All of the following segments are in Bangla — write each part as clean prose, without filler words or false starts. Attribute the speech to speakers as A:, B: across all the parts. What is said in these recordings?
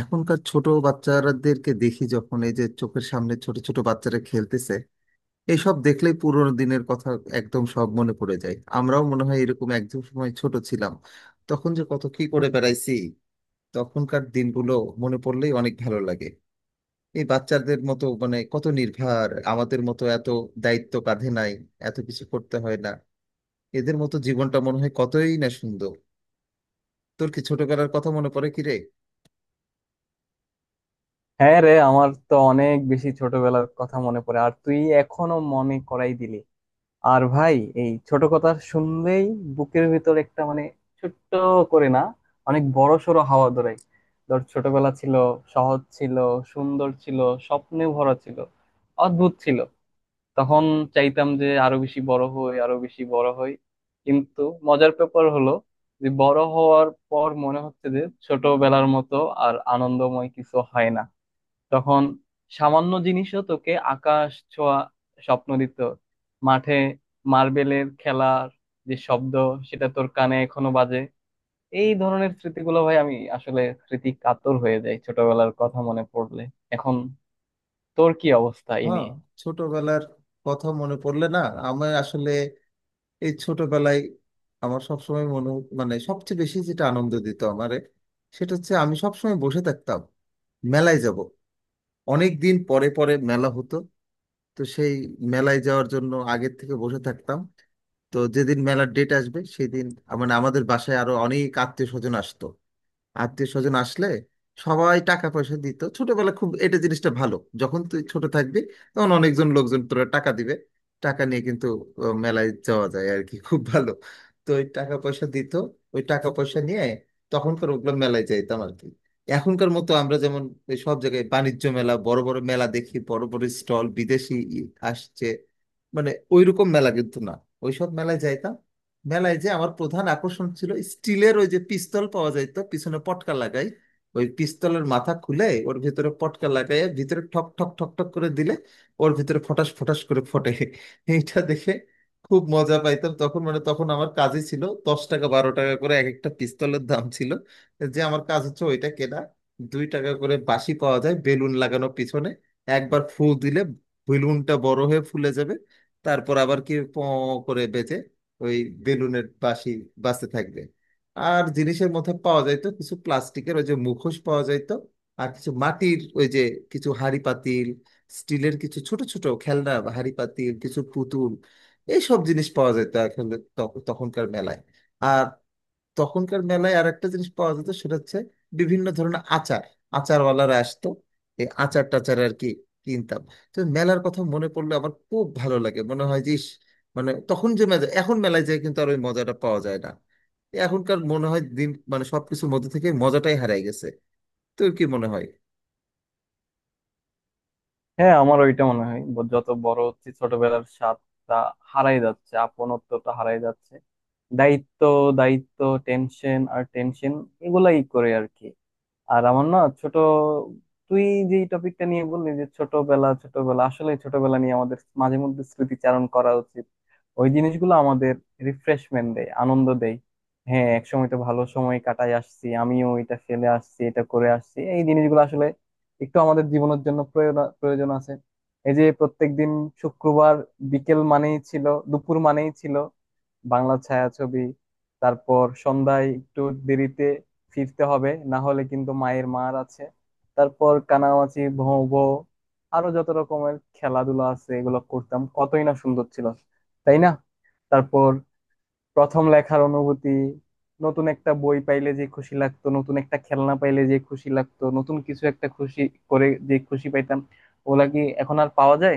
A: এখনকার ছোট বাচ্চাদেরকে দেখি যখন এই যে চোখের সামনে ছোট ছোট বাচ্চারা খেলতেছে, এইসব দেখলেই পুরোনো দিনের কথা একদম সব মনে পড়ে যায়। আমরাও মনে হয় এরকম একদম সময় ছোট ছিলাম, তখন যে কত কি করে বেড়াইছি। তখনকার দিনগুলো মনে পড়লেই অনেক ভালো লাগে। এই বাচ্চাদের মতো মানে কত নির্ভার, আমাদের মতো এত দায়িত্ব কাঁধে নাই, এত কিছু করতে হয় না। এদের মতো জীবনটা মনে হয় কতই না সুন্দর। তোর কি ছোটবেলার কথা মনে পড়ে কি রে?
B: হ্যাঁ রে, আমার তো অনেক বেশি ছোটবেলার কথা মনে পড়ে, আর তুই এখনো মনে করাই দিলি। আর ভাই, এই ছোট কথা শুনলেই বুকের ভিতর একটা মানে ছোট্ট করে না, অনেক বড় সড়ো হাওয়া ধরে। ধর, ছোটবেলা ছিল সহজ, ছিল সুন্দর, ছিল স্বপ্নে ভরা, ছিল অদ্ভুত। ছিল তখন, চাইতাম যে আরো বেশি বড় হই, আরো বেশি বড় হই। কিন্তু মজার ব্যাপার হলো, যে বড় হওয়ার পর মনে হচ্ছে যে ছোটবেলার মতো আর আনন্দময় কিছু হয় না। তখন সামান্য জিনিসও তোকে আকাশ ছোঁয়া স্বপ্ন দিত। মাঠে মার্বেলের খেলার যে শব্দ, সেটা তোর কানে এখনো বাজে। এই ধরনের স্মৃতিগুলো, ভাই, আমি আসলে স্মৃতি কাতর হয়ে যাই ছোটবেলার কথা মনে পড়লে। এখন তোর কি অবস্থা এই
A: হ্যাঁ,
B: নিয়ে?
A: ছোটবেলার কথা মনে পড়লে না, আমি আসলে এই ছোটবেলায় আমার সবসময় মনে, মানে সবচেয়ে বেশি যেটা আনন্দ দিত আমারে সেটা হচ্ছে আমি সবসময় বসে থাকতাম মেলায় যাব। অনেক দিন পরে পরে মেলা হতো, তো সেই মেলায় যাওয়ার জন্য আগের থেকে বসে থাকতাম। তো যেদিন মেলার ডেট আসবে সেদিন মানে আমাদের বাসায় আরো অনেক আত্মীয় স্বজন আসতো। আত্মীয় স্বজন আসলে সবাই টাকা পয়সা দিত, ছোটবেলা খুব এটা জিনিসটা ভালো, যখন তুই ছোট থাকবি তখন অনেকজন লোকজন তোরা টাকা দিবে, টাকা নিয়ে কিন্তু মেলায় যাওয়া যায় আর কি, খুব ভালো। তো ওই টাকা পয়সা দিত, ওই টাকা পয়সা নিয়ে তখনকার ওগুলো মেলায় যাইতাম আর কি। এখনকার মতো আমরা যেমন এই সব জায়গায় বাণিজ্য মেলা, বড় বড় মেলা দেখি, বড় বড় স্টল, বিদেশি ই আসছে, মানে ওইরকম মেলা কিন্তু না, ওইসব মেলায় যাইতাম। মেলায় যে আমার প্রধান আকর্ষণ ছিল স্টিলের ওই যে পিস্তল পাওয়া যায়, তো পিছনে পটকা লাগাই, ওই পিস্তলের মাথা খুলে ওর ভিতরে পটকা লাগাই, ভিতরে ঠক ঠক ঠক ঠক করে দিলে ওর ভিতরে ফটাস ফটাস করে ফটে। এইটা দেখে খুব মজা পাইতাম তখন, মানে তখন আমার কাজই ছিল, 10 টাকা 12 টাকা করে এক একটা পিস্তলের দাম ছিল, যে আমার কাজ হচ্ছে ওইটা কেনা। 2 টাকা করে বাঁশি পাওয়া যায়, বেলুন লাগানো পিছনে, একবার ফুল দিলে বেলুনটা বড় হয়ে ফুলে যাবে, তারপর আবার কি প করে বেজে, ওই বেলুনের বাঁশি বাঁচতে থাকবে। আর জিনিসের মধ্যে পাওয়া যাইতো কিছু প্লাস্টিকের ওই যে মুখোশ পাওয়া যাইতো, আর কিছু মাটির ওই যে কিছু হাঁড়ি পাতিল, স্টিলের কিছু ছোট ছোট খেলনা, হাঁড়ি পাতিল, কিছু পুতুল, এইসব জিনিস পাওয়া যেত আসলে তখনকার মেলায়। আর তখনকার মেলায় আর একটা জিনিস পাওয়া যেত, সেটা হচ্ছে বিভিন্ন ধরনের আচার। আচারওয়ালারা আসতো, এই আচার টাচার আর কি কিনতাম। তো মেলার কথা মনে পড়লে আমার খুব ভালো লাগে, মনে হয় যে ইস, মানে তখন যে মজা, এখন মেলায় যায় কিন্তু আর ওই মজাটা পাওয়া যায় না। এখনকার মনে হয় দিন, মানে সবকিছুর মধ্যে থেকে মজাটাই হারাই গেছে। তোর কি মনে হয়?
B: হ্যাঁ, আমার ওইটা মনে হয়, যত বড় হচ্ছে ছোটবেলার স্বাদটা হারাই যাচ্ছে, আপনত্বটা হারাই যাচ্ছে। দায়িত্ব, দায়িত্ব, টেনশন আর টেনশন, এগুলাই করে আর কি। আর আমার না ছোট, তুই যে টপিকটা নিয়ে বললি যে ছোটবেলা, ছোটবেলা আসলে ছোটবেলা নিয়ে আমাদের মাঝে মধ্যে স্মৃতিচারণ করা উচিত। ওই জিনিসগুলো আমাদের রিফ্রেশমেন্ট দেয়, আনন্দ দেয়। হ্যাঁ, একসময় তো ভালো সময় কাটাই আসছি, আমিও এটা ফেলে আসছি, এটা করে আসছি। এই জিনিসগুলো আসলে একটু আমাদের জীবনের জন্য প্রয়োজন, প্রয়োজন আছে। এই যে প্রত্যেকদিন শুক্রবার বিকেল মানেই ছিল, দুপুর মানেই ছিল বাংলা ছায়াছবি। তারপর সন্ধ্যায় একটু দেরিতে ফিরতে হবে, না হলে কিন্তু মায়ের মার আছে। তারপর কানামাছি ভোঁ ভোঁ, আরো যত রকমের খেলাধুলা আছে এগুলো করতাম। কতই না সুন্দর ছিল, তাই না? তারপর প্রথম লেখার অনুভূতি, নতুন একটা বই পাইলে যে খুশি লাগতো, নতুন একটা খেলনা পাইলে যে খুশি লাগতো, নতুন কিছু একটা খুশি করে যে খুশি পাইতাম। ওগুলা কি এখন আর পাওয়া যায়?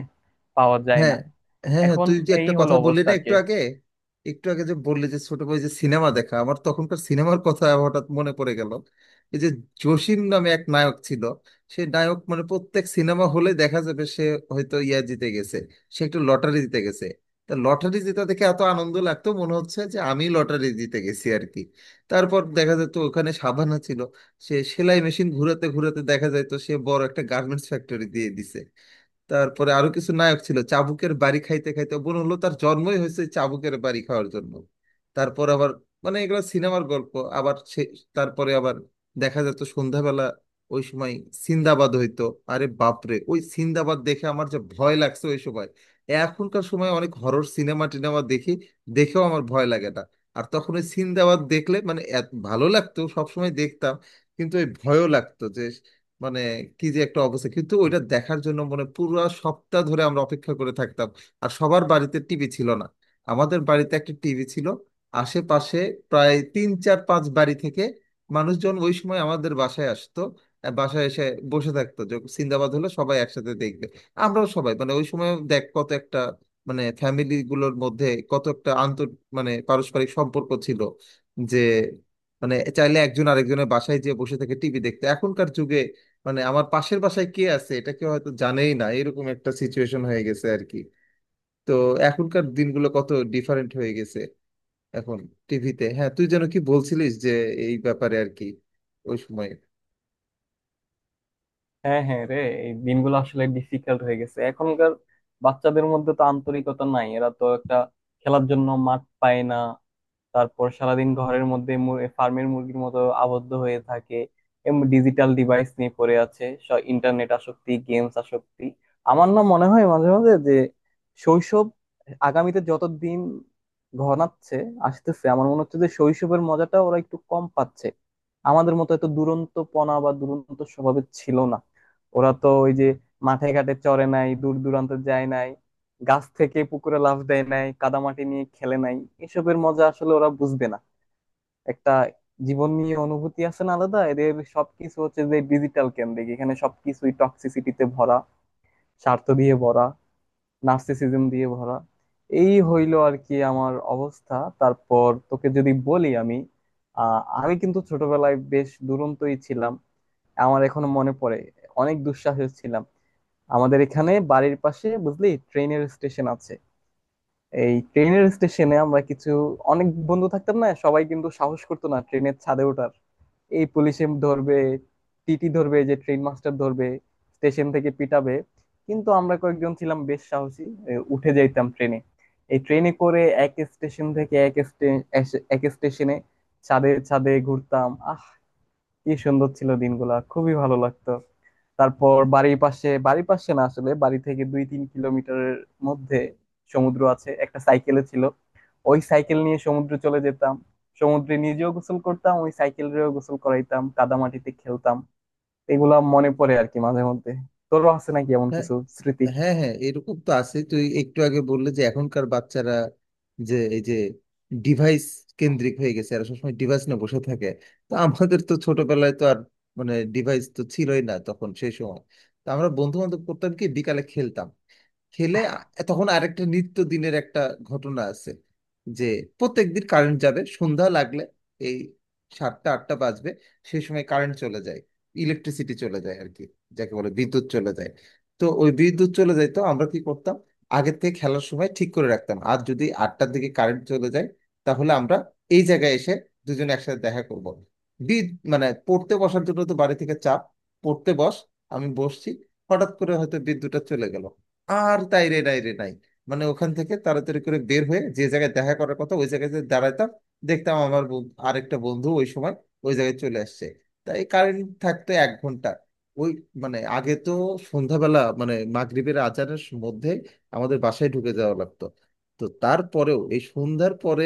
B: পাওয়া যায়
A: হ্যাঁ
B: না।
A: হ্যাঁ হ্যাঁ,
B: এখন
A: তুই যে
B: এই
A: একটা
B: হলো
A: কথা বললি
B: অবস্থা
A: না
B: আর কি।
A: একটু আগে, একটু আগে যে বললি যে ছোট ভাই যে সিনেমা দেখা, আমার তখনকার সিনেমার কথা হঠাৎ মনে পড়ে গেল। এই যে জসিম নামে এক নায়ক ছিল, সে নায়ক মানে প্রত্যেক সিনেমা হলে দেখা যাবে সে হয়তো ইয়া জিতে গেছে, সে একটু লটারি জিতে গেছে। তা লটারি জেতা দেখে এত আনন্দ লাগতো, মনে হচ্ছে যে আমি লটারি জিতে গেছি আর কি। তারপর দেখা যেত ওখানে সাবানা ছিল, সে সেলাই মেশিন ঘুরাতে ঘুরাতে দেখা যেত সে বড় একটা গার্মেন্টস ফ্যাক্টরি দিয়ে দিছে। তারপরে আরো কিছু নায়ক ছিল, চাবুকের বাড়ি খাইতে খাইতে মনে হলো তার জন্মই হয়েছে চাবুকের বাড়ি খাওয়ার জন্য। তারপর আবার, মানে এগুলো সিনেমার গল্প। আবার সে তারপরে আবার দেখা যেত সন্ধ্যাবেলা, ওই সময় সিন্দাবাদ হইতো। আরে বাপরে, ওই সিন্দাবাদ দেখে আমার যে ভয় লাগছে ওই সময়! এখনকার সময় অনেক হরর সিনেমা টিনেমা দেখি, দেখেও আমার ভয় লাগে না, আর তখন ওই সিন্দাবাদ দেখলে, মানে এত ভালো লাগতো সবসময় দেখতাম, কিন্তু ওই ভয়ও লাগতো যে, মানে কি যে একটা অবস্থা। কিন্তু ওইটা দেখার জন্য মানে পুরো সপ্তাহ ধরে আমরা অপেক্ষা করে থাকতাম। আর সবার বাড়িতে টিভি ছিল না, আমাদের বাড়িতে একটা টিভি ছিল। আশেপাশে প্রায় তিন চার পাঁচ বাড়ি থেকে মানুষজন ওই সময় আমাদের বাসায় আসতো, আর বাসায় এসে বসে থাকতো যে সিন্দাবাদ হলে সবাই একসাথে দেখবে। আমরাও সবাই, মানে ওই সময় দেখ কত একটা, মানে ফ্যামিলি গুলোর মধ্যে কত একটা আন্তর, মানে পারস্পরিক সম্পর্ক ছিল, যে মানে চাইলে একজন আরেকজনের বাসায় যেয়ে বসে থেকে টিভি দেখতো। এখনকার যুগে মানে আমার পাশের বাসায় কে আছে এটা কেউ হয়তো জানেই না, এরকম একটা সিচুয়েশন হয়ে গেছে আর কি। তো এখনকার দিনগুলো কত ডিফারেন্ট হয়ে গেছে, এখন টিভিতে, হ্যাঁ তুই যেন কি বলছিলিস যে এই ব্যাপারে আর কি ওই সময়?
B: হ্যাঁ, হ্যাঁ রে, এই দিনগুলো আসলে ডিফিকাল্ট হয়ে গেছে। এখনকার বাচ্চাদের মধ্যে তো আন্তরিকতা নাই। এরা তো একটা খেলার জন্য মাঠ পায় না। তারপর সারাদিন ঘরের মধ্যে ফার্মের মুরগির মতো আবদ্ধ হয়ে থাকে। ডিজিটাল ডিভাইস নিয়ে পড়ে আছে, ইন্টারনেট আসক্তি, গেমস আসক্তি। আমার না মনে হয় মাঝে মাঝে যে শৈশব আগামীতে যত দিন ঘনাচ্ছে, আসতেছে, আমার মনে হচ্ছে যে শৈশবের মজাটা ওরা একটু কম পাচ্ছে। আমাদের মতো এত দুরন্তপনা বা দুরন্ত স্বভাবের ছিল না। ওরা তো ওই যে মাঠে ঘাটে চড়ে নাই, দূর দূরান্তে যায় নাই, গাছ থেকে পুকুরে লাফ দেয় নাই, কাদামাটি নিয়ে খেলে নাই। এসবের মজা আসলে ওরা বুঝবে না। একটা জীবন নিয়ে অনুভূতি আছে না আলাদা এদের। সবকিছু হচ্ছে যে ডিজিটাল কেন্দ্রিক, এখানে সবকিছুই টক্সিসিটিতে ভরা, স্বার্থ দিয়ে ভরা, নার্সিসিজম দিয়ে ভরা। এই হইলো আর কি আমার অবস্থা। তারপর তোকে যদি বলি আমি, আহ, আমি কিন্তু ছোটবেলায় বেশ দুরন্তই ছিলাম। আমার এখনো মনে পড়ে, অনেক দুঃসাহস ছিলাম। আমাদের এখানে বাড়ির পাশে, বুঝলি, ট্রেনের স্টেশন আছে। এই ট্রেনের স্টেশনে আমরা কিছু অনেক বন্ধু থাকতাম না, সবাই কিন্তু সাহস করতো না ট্রেনের ছাদে ওঠার। এই পুলিশে ধরবে, টিটি ধরবে, যে ট্রেন মাস্টার ধরবে, স্টেশন থেকে পিটাবে। কিন্তু আমরা কয়েকজন ছিলাম বেশ সাহসী। এ, উঠে যাইতাম ট্রেনে। এই ট্রেনে করে এক স্টেশন থেকে এক স্টেশনে ছাদে ছাদে ঘুরতাম। আহ, কি সুন্দর ছিল দিনগুলা, খুবই ভালো লাগতো। তারপর বাড়ির পাশে, বাড়ির পাশে না, আসলে বাড়ি থেকে 2-3 কিলোমিটারের মধ্যে সমুদ্র আছে। একটা সাইকেলে ছিল, ওই সাইকেল নিয়ে সমুদ্রে চলে যেতাম। সমুদ্রে নিজেও গোসল করতাম, ওই সাইকেলেও গোসল করাইতাম, কাদামাটিতে খেলতাম। এগুলা মনে পড়ে আর কি মাঝে মধ্যে। তোরও আছে নাকি এমন কিছু স্মৃতি?
A: হ্যাঁ হ্যাঁ এরকম তো আছে। তুই একটু আগে বললে যে এখনকার বাচ্চারা যে এই যে ডিভাইস কেন্দ্রিক হয়ে গেছে, আর সবসময় ডিভাইস নিয়ে বসে থাকে, তো আমাদের তো ছোটবেলায় তো আর, মানে ডিভাইস তো ছিলই না তখন সেই সময়। তো আমরা বন্ধু বান্ধব করতাম কি বিকালে খেলতাম, খেলে আ-, তখন আরেকটা নিত্য দিনের একটা ঘটনা আছে, যে প্রত্যেকদিন কারেন্ট যাবে সন্ধ্যা লাগলে, এই সাতটা আটটা বাজবে সেই সময় কারেন্ট চলে যায়, ইলেকট্রিসিটি চলে যায় আর কি, যাকে বলে বিদ্যুৎ চলে যায়। তো ওই বিদ্যুৎ চলে যাইতো, আমরা কি করতাম, আগের থেকে খেলার সময় ঠিক করে রাখতাম, আর যদি আটটার দিকে কারেন্ট চলে যায় তাহলে আমরা এই জায়গায় এসে দুজনে একসাথে দেখা করব। বিদ, মানে পড়তে বসার জন্য তো বাড়ি থেকে চাপ, পড়তে বস, আমি বসছি, হঠাৎ করে হয়তো বিদ্যুৎটা চলে গেল, আর তাই রে নাই রে নাই, মানে ওখান থেকে তাড়াতাড়ি করে বের হয়ে যে জায়গায় দেখা করার কথা ওই জায়গায় যে দাঁড়াতাম, দেখতাম আমার আরেকটা বন্ধু ওই সময় ওই জায়গায় চলে আসছে। তাই কারেন্ট থাকতো 1 ঘন্টা, ওই মানে আগে তো সন্ধ্যাবেলা মানে মাগরিবের আজানের মধ্যে আমাদের বাসায় ঢুকে যাওয়া লাগতো। তো তারপরেও এই সন্ধ্যার পরে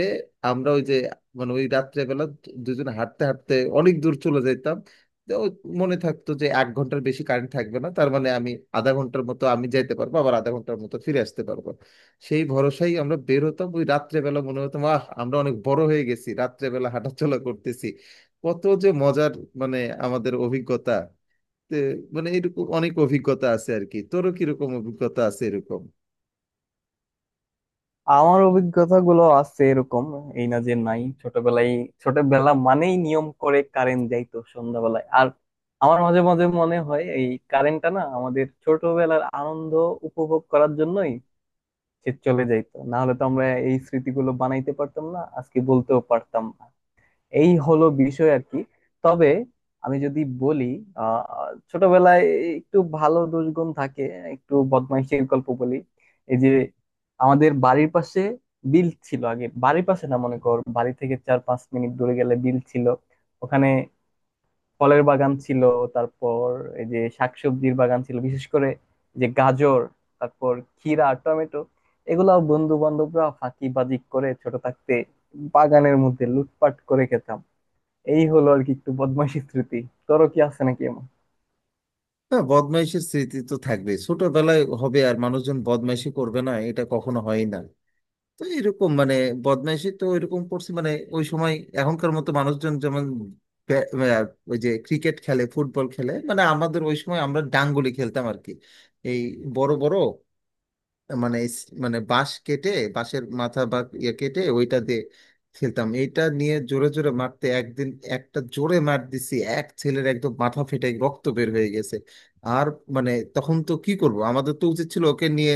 A: আমরা ওই যে মানে ওই রাত্রেবেলা দুজনে হাঁটতে হাঁটতে অনেক দূর চলে যেতাম। তো ওই মনে থাকতো যে 1 ঘন্টার বেশি কারেন্ট থাকবে না, তার মানে আমি আধা ঘন্টার মতো আমি যাইতে পারবো, আবার আধা ঘন্টার মতো ফিরে আসতে পারবো। সেই ভরসায় আমরা বের হতাম ওই রাত্রেবেলা, মনে হতো আহ আমরা অনেক বড় হয়ে গেছি, রাত্রেবেলা হাঁটাচলা করতেছি, কত যে মজার, মানে আমাদের অভিজ্ঞতা তে, মানে এরকম অনেক অভিজ্ঞতা আছে আর কি। তোরও কিরকম অভিজ্ঞতা আছে এরকম?
B: আমার অভিজ্ঞতা গুলো আছে এরকম, এই না যে নাই ছোটবেলায়। ছোটবেলা মানেই নিয়ম করে কারেন্ট যাইতো সন্ধ্যাবেলায়। আর আমার মাঝে মাঝে মনে হয়, এই কারেন্টটা না আমাদের ছোটবেলার আনন্দ উপভোগ করার জন্যই সে চলে যাইতো। না হলে তো আমরা এই স্মৃতিগুলো বানাইতে পারতাম না, আজকে বলতেও পারতাম না। এই হলো বিষয় আর কি। তবে আমি যদি বলি, আহ, ছোটবেলায় একটু ভালো দুষ্গুণ থাকে, একটু বদমাইশের গল্প বলি। এই যে আমাদের বাড়ির পাশে বিল ছিল, আগে বাড়ির পাশে না, মনে কর বাড়ি থেকে 4-5 মিনিট দূরে গেলে বিল ছিল। ওখানে ফলের বাগান ছিল, তারপর এই যে শাকসবজির বাগান ছিল, বিশেষ করে যে গাজর, তারপর ক্ষীরা, টমেটো, এগুলা বন্ধু বান্ধবরা ফাঁকিবাজি করে ছোট থাকতে বাগানের মধ্যে লুটপাট করে খেতাম। এই হলো আর কি একটু বদমাইশি স্মৃতি। তোরও কি আছে নাকি এমন?
A: হ্যাঁ, বদমাইশের স্মৃতি তো থাকবে, ছোটবেলায় হবে আর মানুষজন বদমাইশি করবে না এটা কখনো হয় না। তো এরকম মানে বদমাইশি তো এরকম করছি মানে ওই সময়, এখনকার মতো মানুষজন যেমন ব্য- আহ, ওই যে ক্রিকেট খেলে ফুটবল খেলে, মানে আমাদের ওই সময় আমরা ডাঙ্গুলি খেলতাম আর কি। এই বড় বড়, মানে এই স-, মানে বাঁশ কেটে বাঁশের মাথা বা ইয়ে কেটে ওইটা দিয়ে খেলতাম, এইটা নিয়ে জোরে জোরে মারতে একদিন একটা জোরে মার দিছি এক ছেলের, একদম মাথা ফেটে রক্ত বের হয়ে গেছে। আর মানে তখন তো কি করব, আমাদের তো উচিত ছিল ওকে নিয়ে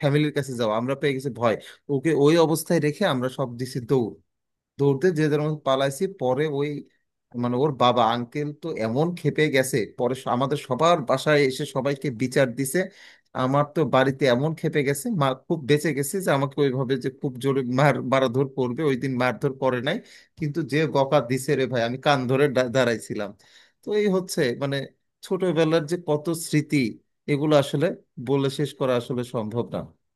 A: ফ্যামিলির কাছে যাওয়া, আমরা পেয়ে গেছি ভয়, ওকে ওই অবস্থায় রেখে আমরা সব দিছি দৌড়। দৌড়তে যে যেমন পালাইছি, পরে ওই মানে ওর বাবা আঙ্কেল তো এমন খেপে গেছে, পরে আমাদের সবার বাসায় এসে সবাইকে বিচার দিছে। আমার তো বাড়িতে এমন খেপে গেছে মা, খুব বেঁচে গেছে যে আমাকে ওইভাবে যে খুব জোরে মার মারাধর করবে, ওই দিন মারধর করে নাই, কিন্তু যে বকা দিছে রে ভাই, আমি কান ধরে দাঁড়াইছিলাম। তো এই হচ্ছে মানে ছোটবেলার যে কত স্মৃতি, এগুলো আসলে বলে শেষ করা আসলে সম্ভব না।